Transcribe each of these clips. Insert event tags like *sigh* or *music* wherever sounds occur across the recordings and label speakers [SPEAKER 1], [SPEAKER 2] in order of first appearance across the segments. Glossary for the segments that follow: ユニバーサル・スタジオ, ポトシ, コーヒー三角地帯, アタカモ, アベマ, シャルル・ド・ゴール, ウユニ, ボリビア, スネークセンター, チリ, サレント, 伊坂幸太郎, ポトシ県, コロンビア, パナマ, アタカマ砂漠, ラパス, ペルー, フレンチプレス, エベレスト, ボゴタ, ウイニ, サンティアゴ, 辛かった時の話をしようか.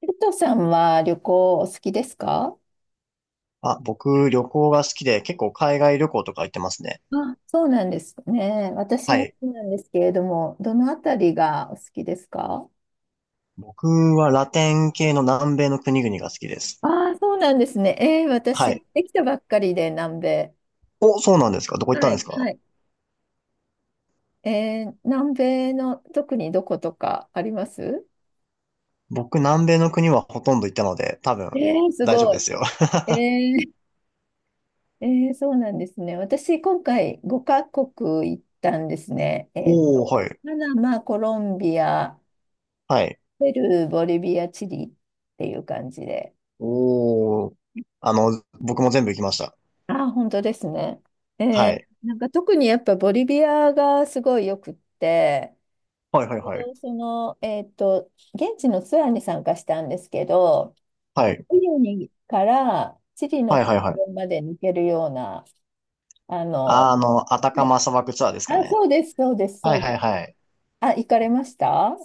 [SPEAKER 1] ペッとさんは旅行お好きですか？
[SPEAKER 2] あ、僕、旅行が好きで、結構海外旅行とか行ってますね。
[SPEAKER 1] あ、そうなんですね。私
[SPEAKER 2] は
[SPEAKER 1] も好
[SPEAKER 2] い。
[SPEAKER 1] きなんですけれども、どのあたりがお好きですか？
[SPEAKER 2] 僕はラテン系の南米の国々が好きです。
[SPEAKER 1] ああ、そうなんですね。私、
[SPEAKER 2] はい。
[SPEAKER 1] できたばっかりで南米。
[SPEAKER 2] お、そうなんですか？どこ行っ
[SPEAKER 1] は
[SPEAKER 2] たんで
[SPEAKER 1] い、
[SPEAKER 2] すか？
[SPEAKER 1] はい。南米の特にどことかあります？
[SPEAKER 2] 僕、南米の国はほとんど行ったので、多
[SPEAKER 1] え
[SPEAKER 2] 分、
[SPEAKER 1] ー、す
[SPEAKER 2] 大丈夫
[SPEAKER 1] ご
[SPEAKER 2] で
[SPEAKER 1] い。
[SPEAKER 2] すよ。*laughs*
[SPEAKER 1] えー、えー、そうなんですね。私、今回5カ国行ったんですね。
[SPEAKER 2] おー、はい。
[SPEAKER 1] パナマ、コロンビア、
[SPEAKER 2] はい。
[SPEAKER 1] ペルー、ボリビア、チリっていう感じで。
[SPEAKER 2] おー。あの、僕も全部行きました。
[SPEAKER 1] あ、本当ですね。
[SPEAKER 2] はい。
[SPEAKER 1] なんか特にやっぱボリビアがすごいよくって、
[SPEAKER 2] はいはい
[SPEAKER 1] ちょう
[SPEAKER 2] はい。
[SPEAKER 1] どその、現地のツアーに参加したんですけど、
[SPEAKER 2] はい。
[SPEAKER 1] チリにからチリの
[SPEAKER 2] はいは
[SPEAKER 1] 国
[SPEAKER 2] いは
[SPEAKER 1] 境
[SPEAKER 2] い。
[SPEAKER 1] まで抜けるような、あの、
[SPEAKER 2] あの、アタ
[SPEAKER 1] は
[SPEAKER 2] カ
[SPEAKER 1] い。
[SPEAKER 2] マ砂漠ツアーですか
[SPEAKER 1] あ、
[SPEAKER 2] ね。
[SPEAKER 1] そうです、そうです、
[SPEAKER 2] は
[SPEAKER 1] そ
[SPEAKER 2] い
[SPEAKER 1] うで
[SPEAKER 2] はいは
[SPEAKER 1] す。
[SPEAKER 2] い。
[SPEAKER 1] あ、行かれました？は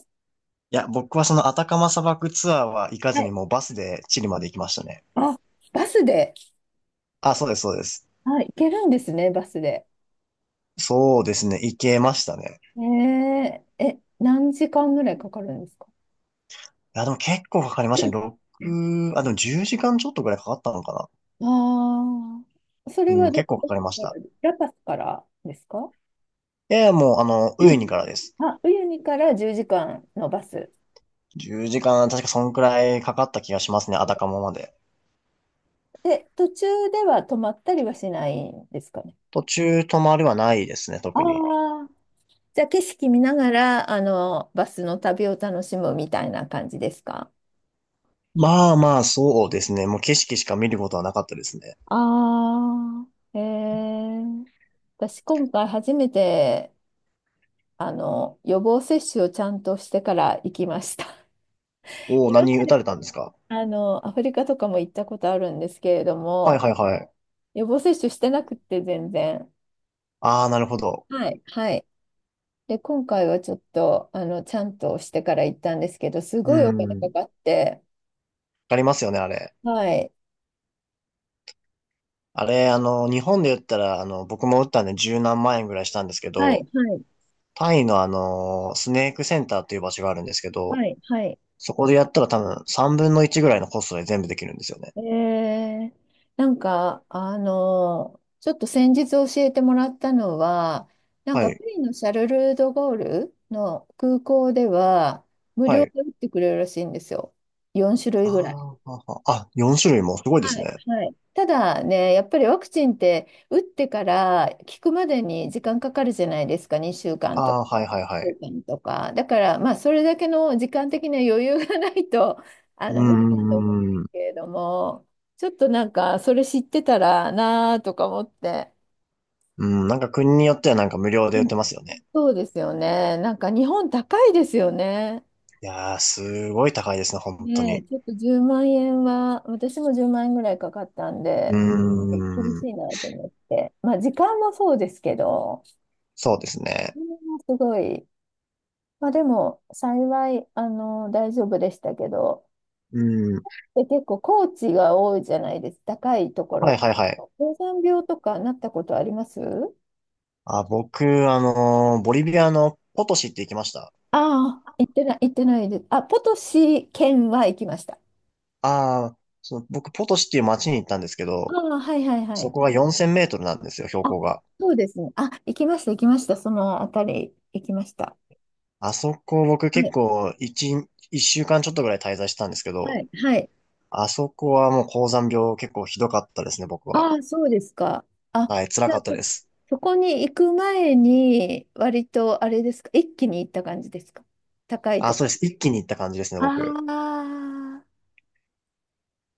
[SPEAKER 2] いや、僕はそのアタカマ砂漠ツアーは行かずにもう
[SPEAKER 1] い。
[SPEAKER 2] バスでチリまで行きましたね。
[SPEAKER 1] あ、バスで。
[SPEAKER 2] あ、そうです、そうです。
[SPEAKER 1] あ、行けるんですね、バスで。
[SPEAKER 2] そうですね。行けましたね。
[SPEAKER 1] えーえ、何時間ぐらいかかるんですか？
[SPEAKER 2] いや、でも結構かかりましたね。6、あ、でも10時間ちょっとぐらいかかったのか
[SPEAKER 1] ああ、それ
[SPEAKER 2] な。う
[SPEAKER 1] は
[SPEAKER 2] ん、
[SPEAKER 1] ど、
[SPEAKER 2] 結構か
[SPEAKER 1] どこ
[SPEAKER 2] かりまし
[SPEAKER 1] か
[SPEAKER 2] た。
[SPEAKER 1] ら、ラパスからですか？
[SPEAKER 2] いやいや、もう、あの、
[SPEAKER 1] う
[SPEAKER 2] ウイ
[SPEAKER 1] ん、
[SPEAKER 2] ニからです。
[SPEAKER 1] あ、ウユニから10時間のバス。
[SPEAKER 2] 10時間、確かそんくらいかかった気がしますね。アタカモまで。
[SPEAKER 1] で、途中では止まったりはしないんですかね。
[SPEAKER 2] 途中止まりはないですね、
[SPEAKER 1] あ
[SPEAKER 2] 特に。
[SPEAKER 1] あ。じゃあ景色見ながら、バスの旅を楽しむみたいな感じですか？
[SPEAKER 2] まあまあ、そうですね。もう景色しか見ることはなかったですね。
[SPEAKER 1] ああ、へえ。私、今回初めて、予防接種をちゃんとしてから行きました。*laughs*
[SPEAKER 2] おお、
[SPEAKER 1] 今ま
[SPEAKER 2] 何打た
[SPEAKER 1] で
[SPEAKER 2] れたんですか？
[SPEAKER 1] アフリカとかも行ったことあるんですけれど
[SPEAKER 2] はい
[SPEAKER 1] も、
[SPEAKER 2] はいはい。
[SPEAKER 1] 予防接種してなくって全然。
[SPEAKER 2] ああ、なるほど。
[SPEAKER 1] はい、はい。で、今回はちょっと、ちゃんとしてから行ったんですけど、す
[SPEAKER 2] う
[SPEAKER 1] ごいお金
[SPEAKER 2] ん。
[SPEAKER 1] かか
[SPEAKER 2] わ
[SPEAKER 1] って、
[SPEAKER 2] かりますよね、あれ。
[SPEAKER 1] はい、
[SPEAKER 2] あれ、あの、日本で言ったら、あの、僕も打ったんで十何万円ぐらいしたんですけ
[SPEAKER 1] は
[SPEAKER 2] ど、
[SPEAKER 1] い、はい、
[SPEAKER 2] タイのスネークセンターっていう場所があるんですけど、
[SPEAKER 1] はい、はい。
[SPEAKER 2] そこでやったら多分3分の1ぐらいのコストで全部できるんですよね。
[SPEAKER 1] えー、なんか、ちょっと先日教えてもらったのは、なん
[SPEAKER 2] は
[SPEAKER 1] か、
[SPEAKER 2] い、
[SPEAKER 1] パリのシャルル・ド・ゴールの空港では、無
[SPEAKER 2] は
[SPEAKER 1] 料
[SPEAKER 2] い。
[SPEAKER 1] で打ってくれるらしいんですよ。4種類ぐらい。
[SPEAKER 2] あーははあ、4種類もすごいです
[SPEAKER 1] はい、
[SPEAKER 2] ね。
[SPEAKER 1] はい。ただね、やっぱりワクチンって打ってから効くまでに時間かかるじゃないですか、2週
[SPEAKER 2] あ
[SPEAKER 1] 間とか、
[SPEAKER 2] あ、はいはいは
[SPEAKER 1] 週
[SPEAKER 2] い。
[SPEAKER 1] 間とか。だから、まあ、それだけの時間的な余裕がないと、*laughs*
[SPEAKER 2] う
[SPEAKER 1] 無理だ
[SPEAKER 2] ん、
[SPEAKER 1] と思う
[SPEAKER 2] う
[SPEAKER 1] んで
[SPEAKER 2] ん、う
[SPEAKER 1] す
[SPEAKER 2] ん、
[SPEAKER 1] けれども、ちょっとなんか、それ知ってたらなあとか思って。
[SPEAKER 2] うん、なんか国によってはなんか無料で
[SPEAKER 1] う
[SPEAKER 2] 売って
[SPEAKER 1] ん、
[SPEAKER 2] ますよね。
[SPEAKER 1] そうですよね。なんか、日本高いですよね。
[SPEAKER 2] いやー、すごい高いですね、本当
[SPEAKER 1] ねえ、
[SPEAKER 2] に。
[SPEAKER 1] ちょっと10万円は、私も10万円ぐらいかかったん
[SPEAKER 2] うー
[SPEAKER 1] で、厳し
[SPEAKER 2] ん、
[SPEAKER 1] いなと思って。まあ、時間もそうですけど、
[SPEAKER 2] そうですね。
[SPEAKER 1] それはすごい。まあ、でも、幸い、大丈夫でしたけど、
[SPEAKER 2] うん、
[SPEAKER 1] で、結構、高地が多いじゃないですか、高いとこ
[SPEAKER 2] はい
[SPEAKER 1] ろ。
[SPEAKER 2] はいはい。
[SPEAKER 1] 高山病とかなったことあります？
[SPEAKER 2] あ、僕、ボリビアのポトシって行きました。
[SPEAKER 1] ああ、行ってない、行ってないです。あ、ポトシ県は行きました。
[SPEAKER 2] ああ、その、僕、ポトシっていう街に行ったんですけ
[SPEAKER 1] あ
[SPEAKER 2] ど、
[SPEAKER 1] あ、はいはいは
[SPEAKER 2] そ
[SPEAKER 1] い。
[SPEAKER 2] こが4000メートルなんですよ、標
[SPEAKER 1] あ、
[SPEAKER 2] 高が。
[SPEAKER 1] そうですね。あ、行きました、行きました。そのあたり行きました。
[SPEAKER 2] あそこ、僕
[SPEAKER 1] は
[SPEAKER 2] 結
[SPEAKER 1] い
[SPEAKER 2] 構、一週間ちょっとぐらい滞在してたんですけ
[SPEAKER 1] は
[SPEAKER 2] ど、
[SPEAKER 1] い、はい。
[SPEAKER 2] あそこはもう高山病結構ひどかったですね、僕は。
[SPEAKER 1] ああ、そうですか。あ、
[SPEAKER 2] はい、辛
[SPEAKER 1] じゃ
[SPEAKER 2] か
[SPEAKER 1] あ
[SPEAKER 2] った
[SPEAKER 1] そ、
[SPEAKER 2] です。
[SPEAKER 1] そこに行く前に、割とあれですか、一気に行った感じですか。高い
[SPEAKER 2] あ、
[SPEAKER 1] とこ。
[SPEAKER 2] そうです。一気に行った感じですね、
[SPEAKER 1] あ
[SPEAKER 2] 僕。
[SPEAKER 1] あ、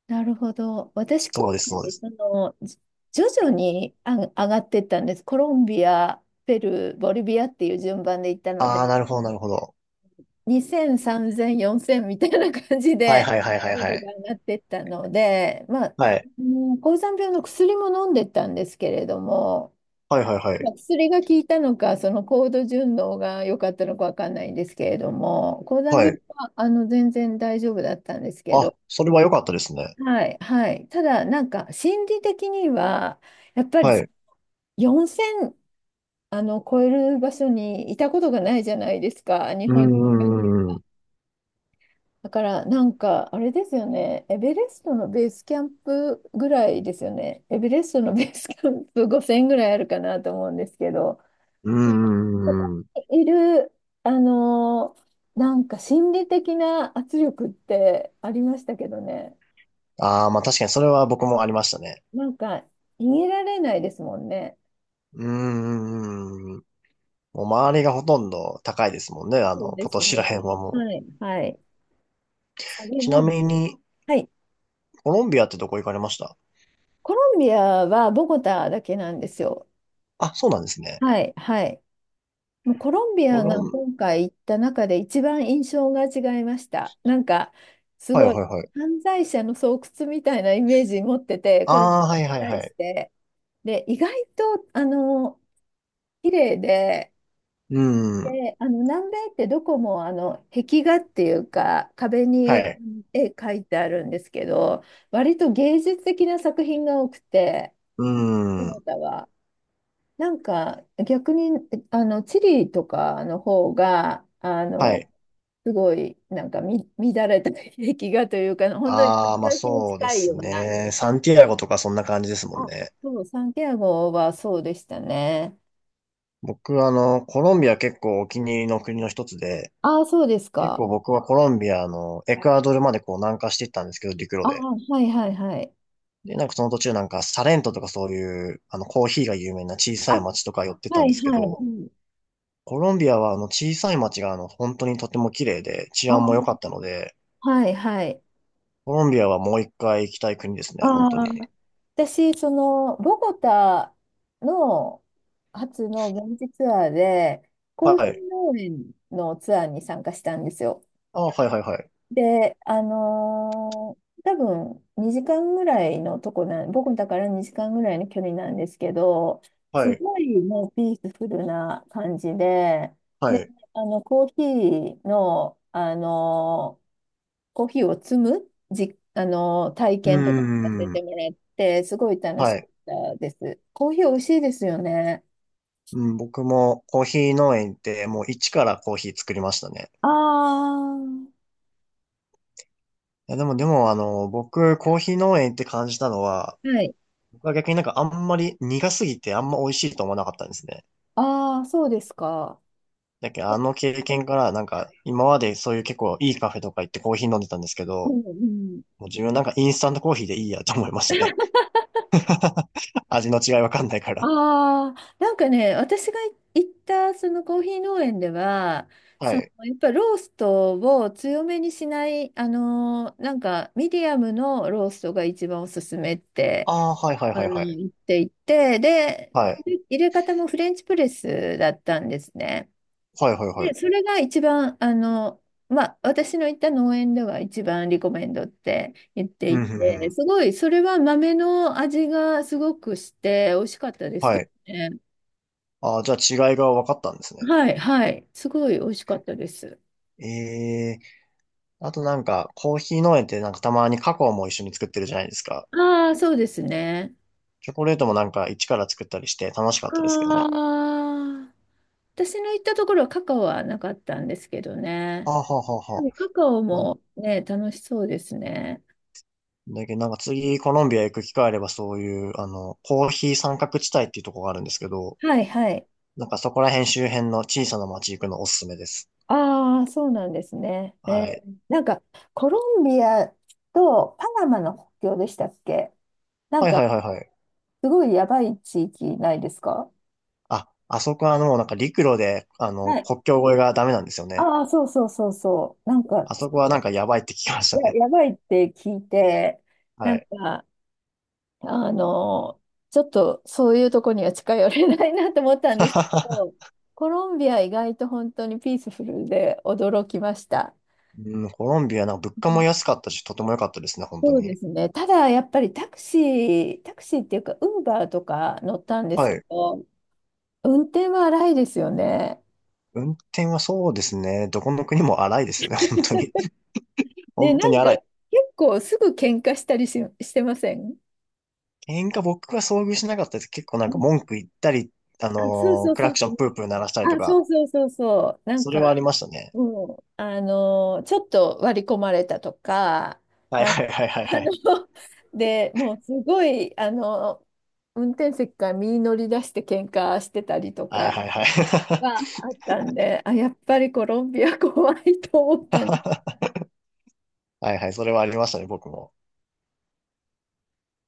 [SPEAKER 1] なるほど。私、
[SPEAKER 2] そう
[SPEAKER 1] 今
[SPEAKER 2] です、
[SPEAKER 1] 回、
[SPEAKER 2] そうです。
[SPEAKER 1] その、じ徐々にあ上がってったんです。コロンビア、ペルー、ボリビアっていう順番で行ったの
[SPEAKER 2] ああ、
[SPEAKER 1] で、
[SPEAKER 2] なるほど、なるほど。
[SPEAKER 1] 2000、3000、4000みたいな感じ
[SPEAKER 2] はい、
[SPEAKER 1] で、
[SPEAKER 2] はい、はい、はい、
[SPEAKER 1] 高
[SPEAKER 2] は
[SPEAKER 1] 度
[SPEAKER 2] い。
[SPEAKER 1] が上がってったので、まあ、
[SPEAKER 2] はい、
[SPEAKER 1] もう高山病の薬も飲んでったんですけれども、
[SPEAKER 2] はい、はい、は
[SPEAKER 1] ま
[SPEAKER 2] い。
[SPEAKER 1] あ、薬が効いたのか、その高度順応が良かったのかわかんないんですけれども、高
[SPEAKER 2] は
[SPEAKER 1] 山病
[SPEAKER 2] い。
[SPEAKER 1] は全然大丈夫だったんですけ
[SPEAKER 2] あ、
[SPEAKER 1] ど、
[SPEAKER 2] それは良かったですね。
[SPEAKER 1] はい、はい、ただ、なんか心理的には、やっぱり
[SPEAKER 2] はい。
[SPEAKER 1] 4000超える場所にいたことがないじゃないですか、日
[SPEAKER 2] うん、
[SPEAKER 1] 本に。
[SPEAKER 2] うん、うんうん。
[SPEAKER 1] だから、なんかあれですよね、エベレストのベースキャンプぐらいですよね、エベレストのベースキャンプ5000ぐらいあるかなと思うんですけど。
[SPEAKER 2] うー
[SPEAKER 1] ここ
[SPEAKER 2] ん。うん。
[SPEAKER 1] にいる、あのーなんか心理的な圧力ってありましたけどね。
[SPEAKER 2] ああ、まあ確かにそれは僕もありましたね。
[SPEAKER 1] なんか逃げられないですもんね。
[SPEAKER 2] うんうんうん。もう周りがほとんど高いですもんね。あ
[SPEAKER 1] そう
[SPEAKER 2] の、
[SPEAKER 1] で
[SPEAKER 2] ポト
[SPEAKER 1] す
[SPEAKER 2] シら
[SPEAKER 1] ね。
[SPEAKER 2] 辺は
[SPEAKER 1] は
[SPEAKER 2] もう。
[SPEAKER 1] い。はい。それ
[SPEAKER 2] ちな
[SPEAKER 1] を、
[SPEAKER 2] みに、
[SPEAKER 1] はい。
[SPEAKER 2] コロンビアってどこ行かれました？
[SPEAKER 1] コロンビアはボゴタだけなんですよ。
[SPEAKER 2] あ、そうなんですね。
[SPEAKER 1] はい。はい。もうコロンビ
[SPEAKER 2] コ
[SPEAKER 1] ア
[SPEAKER 2] ロ
[SPEAKER 1] が
[SPEAKER 2] ン、
[SPEAKER 1] 今回行った中で一番印象が違いました。なんか、す
[SPEAKER 2] はいは
[SPEAKER 1] ご
[SPEAKER 2] い
[SPEAKER 1] い
[SPEAKER 2] はい。
[SPEAKER 1] 犯罪者の巣窟みたいなイメージ持ってて、コロンビ
[SPEAKER 2] ああ、
[SPEAKER 1] ア
[SPEAKER 2] は
[SPEAKER 1] に
[SPEAKER 2] いはいは
[SPEAKER 1] 対し
[SPEAKER 2] い。
[SPEAKER 1] て。で、意外と、綺麗で、
[SPEAKER 2] うーん。
[SPEAKER 1] で、南米ってどこも、壁画っていうか、壁
[SPEAKER 2] は
[SPEAKER 1] にう
[SPEAKER 2] い。
[SPEAKER 1] ん絵描いてあるんですけど、割と芸術的な作品が多くて、
[SPEAKER 2] う
[SPEAKER 1] ト
[SPEAKER 2] ー
[SPEAKER 1] ヨ
[SPEAKER 2] ん。
[SPEAKER 1] タは。なんか、逆に、チリとかの方が、
[SPEAKER 2] はい。
[SPEAKER 1] すごい、なんかみ、乱れた壁画というか、本当に落
[SPEAKER 2] ああ、まあ
[SPEAKER 1] 書きに
[SPEAKER 2] そうで
[SPEAKER 1] 近い
[SPEAKER 2] す
[SPEAKER 1] ような。
[SPEAKER 2] ね。サンティアゴとかそんな感じですもん
[SPEAKER 1] あ、
[SPEAKER 2] ね。
[SPEAKER 1] そう、サンティアゴはそうでしたね。
[SPEAKER 2] 僕、コロンビア結構お気に入りの国の一つで、
[SPEAKER 1] ああ、そうです
[SPEAKER 2] 結
[SPEAKER 1] か。
[SPEAKER 2] 構僕はコロンビアのエクアドルまでこう南下していったんですけど、陸路
[SPEAKER 1] あ
[SPEAKER 2] で。
[SPEAKER 1] あ、はいはいはい。
[SPEAKER 2] で、なんかその途中なんかサレントとかそういう、コーヒーが有名な小
[SPEAKER 1] あ、
[SPEAKER 2] さい町とか寄ってた
[SPEAKER 1] は
[SPEAKER 2] んで
[SPEAKER 1] い
[SPEAKER 2] すけ
[SPEAKER 1] はい。う
[SPEAKER 2] ど、
[SPEAKER 1] ん、
[SPEAKER 2] コロンビアはあの小さい町があの本当にとても綺麗で治安も良か
[SPEAKER 1] あ、
[SPEAKER 2] ったので、
[SPEAKER 1] はいはい。
[SPEAKER 2] コロンビアはもう一回行きたい国です
[SPEAKER 1] あ
[SPEAKER 2] ね、本当
[SPEAKER 1] あ、
[SPEAKER 2] に。
[SPEAKER 1] 私、その、ボゴタの初の現地ツアーで、コ
[SPEAKER 2] は
[SPEAKER 1] ーヒ
[SPEAKER 2] い。
[SPEAKER 1] ー農園のツアーに参加したんですよ。
[SPEAKER 2] あ、はいはいはい。
[SPEAKER 1] で、多分2時間ぐらいのとこなん、ボゴタから2時間ぐらいの距離なんですけど、す
[SPEAKER 2] はい。
[SPEAKER 1] ごいもうピースフルな感じで、
[SPEAKER 2] は
[SPEAKER 1] で、
[SPEAKER 2] い。
[SPEAKER 1] コーヒーの、あのコーヒーを摘むじ、体
[SPEAKER 2] うー
[SPEAKER 1] 験とかもさせて
[SPEAKER 2] ん。
[SPEAKER 1] もらって、すごい楽し
[SPEAKER 2] は
[SPEAKER 1] か
[SPEAKER 2] い。
[SPEAKER 1] ったです。コーヒー美味しいですよね。
[SPEAKER 2] うん、僕もコーヒー農園行ってもう一からコーヒー作りましたね。
[SPEAKER 1] ああ、
[SPEAKER 2] いや、でもあの、僕コーヒー農園行って感じたのは、
[SPEAKER 1] はい。
[SPEAKER 2] 僕は逆になんかあんまり苦すぎてあんま美味しいと思わなかったんですね。
[SPEAKER 1] ああ、そうですか。
[SPEAKER 2] だけどあの経験からなんか今までそういう結構いいカフェとか行ってコーヒー飲んでたんですけ
[SPEAKER 1] う
[SPEAKER 2] ど、
[SPEAKER 1] んうん、
[SPEAKER 2] もう自分なんかインスタントコーヒーでいいやと思いましたね。*laughs* 味の違いわかんないから。
[SPEAKER 1] ああ、なんかね、私が行ったそのコーヒー農園では、
[SPEAKER 2] は
[SPEAKER 1] その
[SPEAKER 2] い。
[SPEAKER 1] やっぱローストを強めにしない、なんかミディアムのローストが一番おすすめって
[SPEAKER 2] ああ、はいはいはいはい。
[SPEAKER 1] 行っていて、で、
[SPEAKER 2] はい。
[SPEAKER 1] 入れ方もフレンチプレスだったんですね。
[SPEAKER 2] はいはいは
[SPEAKER 1] で、
[SPEAKER 2] い。
[SPEAKER 1] それが一番、まあ、私の行った農園では一番リコメンドって言って
[SPEAKER 2] う
[SPEAKER 1] い
[SPEAKER 2] んうんう
[SPEAKER 1] て、
[SPEAKER 2] ん。
[SPEAKER 1] すごい、それは豆の味がすごくして、美味しかったです
[SPEAKER 2] は
[SPEAKER 1] け
[SPEAKER 2] い。
[SPEAKER 1] どね。
[SPEAKER 2] ああ、じゃあ違いが分かったんですね。
[SPEAKER 1] はい、はい、すごい美味しかったです。
[SPEAKER 2] ええ。あとなんかコーヒー農園ってなんかたまにカカオも一緒に作ってるじゃないですか。
[SPEAKER 1] ああ、そうですね。
[SPEAKER 2] チョコレートもなんか一から作ったりして楽しかっ
[SPEAKER 1] あ
[SPEAKER 2] たですけどね。
[SPEAKER 1] あ、私の行ったところはカカオはなかったんですけど
[SPEAKER 2] あ
[SPEAKER 1] ね。
[SPEAKER 2] あ、はあはあ
[SPEAKER 1] で
[SPEAKER 2] は
[SPEAKER 1] もカカオ
[SPEAKER 2] あ。
[SPEAKER 1] もね、楽しそうですね。
[SPEAKER 2] だけどなんか次コロンビア行く機会あればそういう、コーヒー三角地帯っていうところがあるんですけど、
[SPEAKER 1] はいはい。
[SPEAKER 2] なんかそこら辺周辺の小さな町行くのおすすめです。
[SPEAKER 1] ああ、そうなんですね。
[SPEAKER 2] はい。
[SPEAKER 1] なんか、コロンビアとパナマの国境でしたっけ？なん
[SPEAKER 2] はいは
[SPEAKER 1] か、
[SPEAKER 2] いはいはい。
[SPEAKER 1] すごいやばい地域ないですか？
[SPEAKER 2] あ、あそこはもうなんか陸路で、
[SPEAKER 1] はい。
[SPEAKER 2] 国境越えがダメなんですよね。
[SPEAKER 1] ああ、そうそうそうそう。なんか、
[SPEAKER 2] あそこはなんかやばいって聞きました
[SPEAKER 1] や、
[SPEAKER 2] ね。
[SPEAKER 1] やばいって聞いて、な
[SPEAKER 2] は
[SPEAKER 1] ん
[SPEAKER 2] い。
[SPEAKER 1] か、あの、ちょっとそういうとこには近寄れないなと思ったんですけど、
[SPEAKER 2] *laughs*
[SPEAKER 1] コロンビア意外と本当にピースフルで驚きました。
[SPEAKER 2] うん、コロンビアなんか物価も安かったし、とても良かったですね、本当
[SPEAKER 1] そうで
[SPEAKER 2] に。
[SPEAKER 1] すね。ただ、やっぱりタクシー、タクシーっていうか、ウーバーとか乗ったんで
[SPEAKER 2] は
[SPEAKER 1] すけ
[SPEAKER 2] い。
[SPEAKER 1] ど、運転は荒いですよね。
[SPEAKER 2] 運転はそうですね。どこの国も荒いですよね、本当に。*laughs*
[SPEAKER 1] で、
[SPEAKER 2] 本当
[SPEAKER 1] な
[SPEAKER 2] に
[SPEAKER 1] んか、
[SPEAKER 2] 荒い。
[SPEAKER 1] 結構すぐ喧嘩したりし、してません？
[SPEAKER 2] 喧嘩僕は遭遇しなかったです。結構なん
[SPEAKER 1] う
[SPEAKER 2] か
[SPEAKER 1] ん、
[SPEAKER 2] 文句言ったり、
[SPEAKER 1] あ、そうそう
[SPEAKER 2] ク
[SPEAKER 1] そ
[SPEAKER 2] ラ
[SPEAKER 1] う
[SPEAKER 2] クシ
[SPEAKER 1] そ
[SPEAKER 2] ョンプ
[SPEAKER 1] う。
[SPEAKER 2] ープー鳴らしたりと
[SPEAKER 1] あ、そ
[SPEAKER 2] か、
[SPEAKER 1] うそうそうそう。なん
[SPEAKER 2] それ
[SPEAKER 1] か、
[SPEAKER 2] はありましたね。
[SPEAKER 1] うん、ちょっと割り込まれたとか、
[SPEAKER 2] はいはいはいは
[SPEAKER 1] あの、
[SPEAKER 2] いはい。
[SPEAKER 1] *laughs* で、もうすごい、運転席から身乗り出して喧嘩してたりと
[SPEAKER 2] は
[SPEAKER 1] か、
[SPEAKER 2] いはいはい。
[SPEAKER 1] はあったんで、あ、やっぱりコロンビア怖いと思ったん
[SPEAKER 2] *laughs* はいはい、それはありましたね、僕も。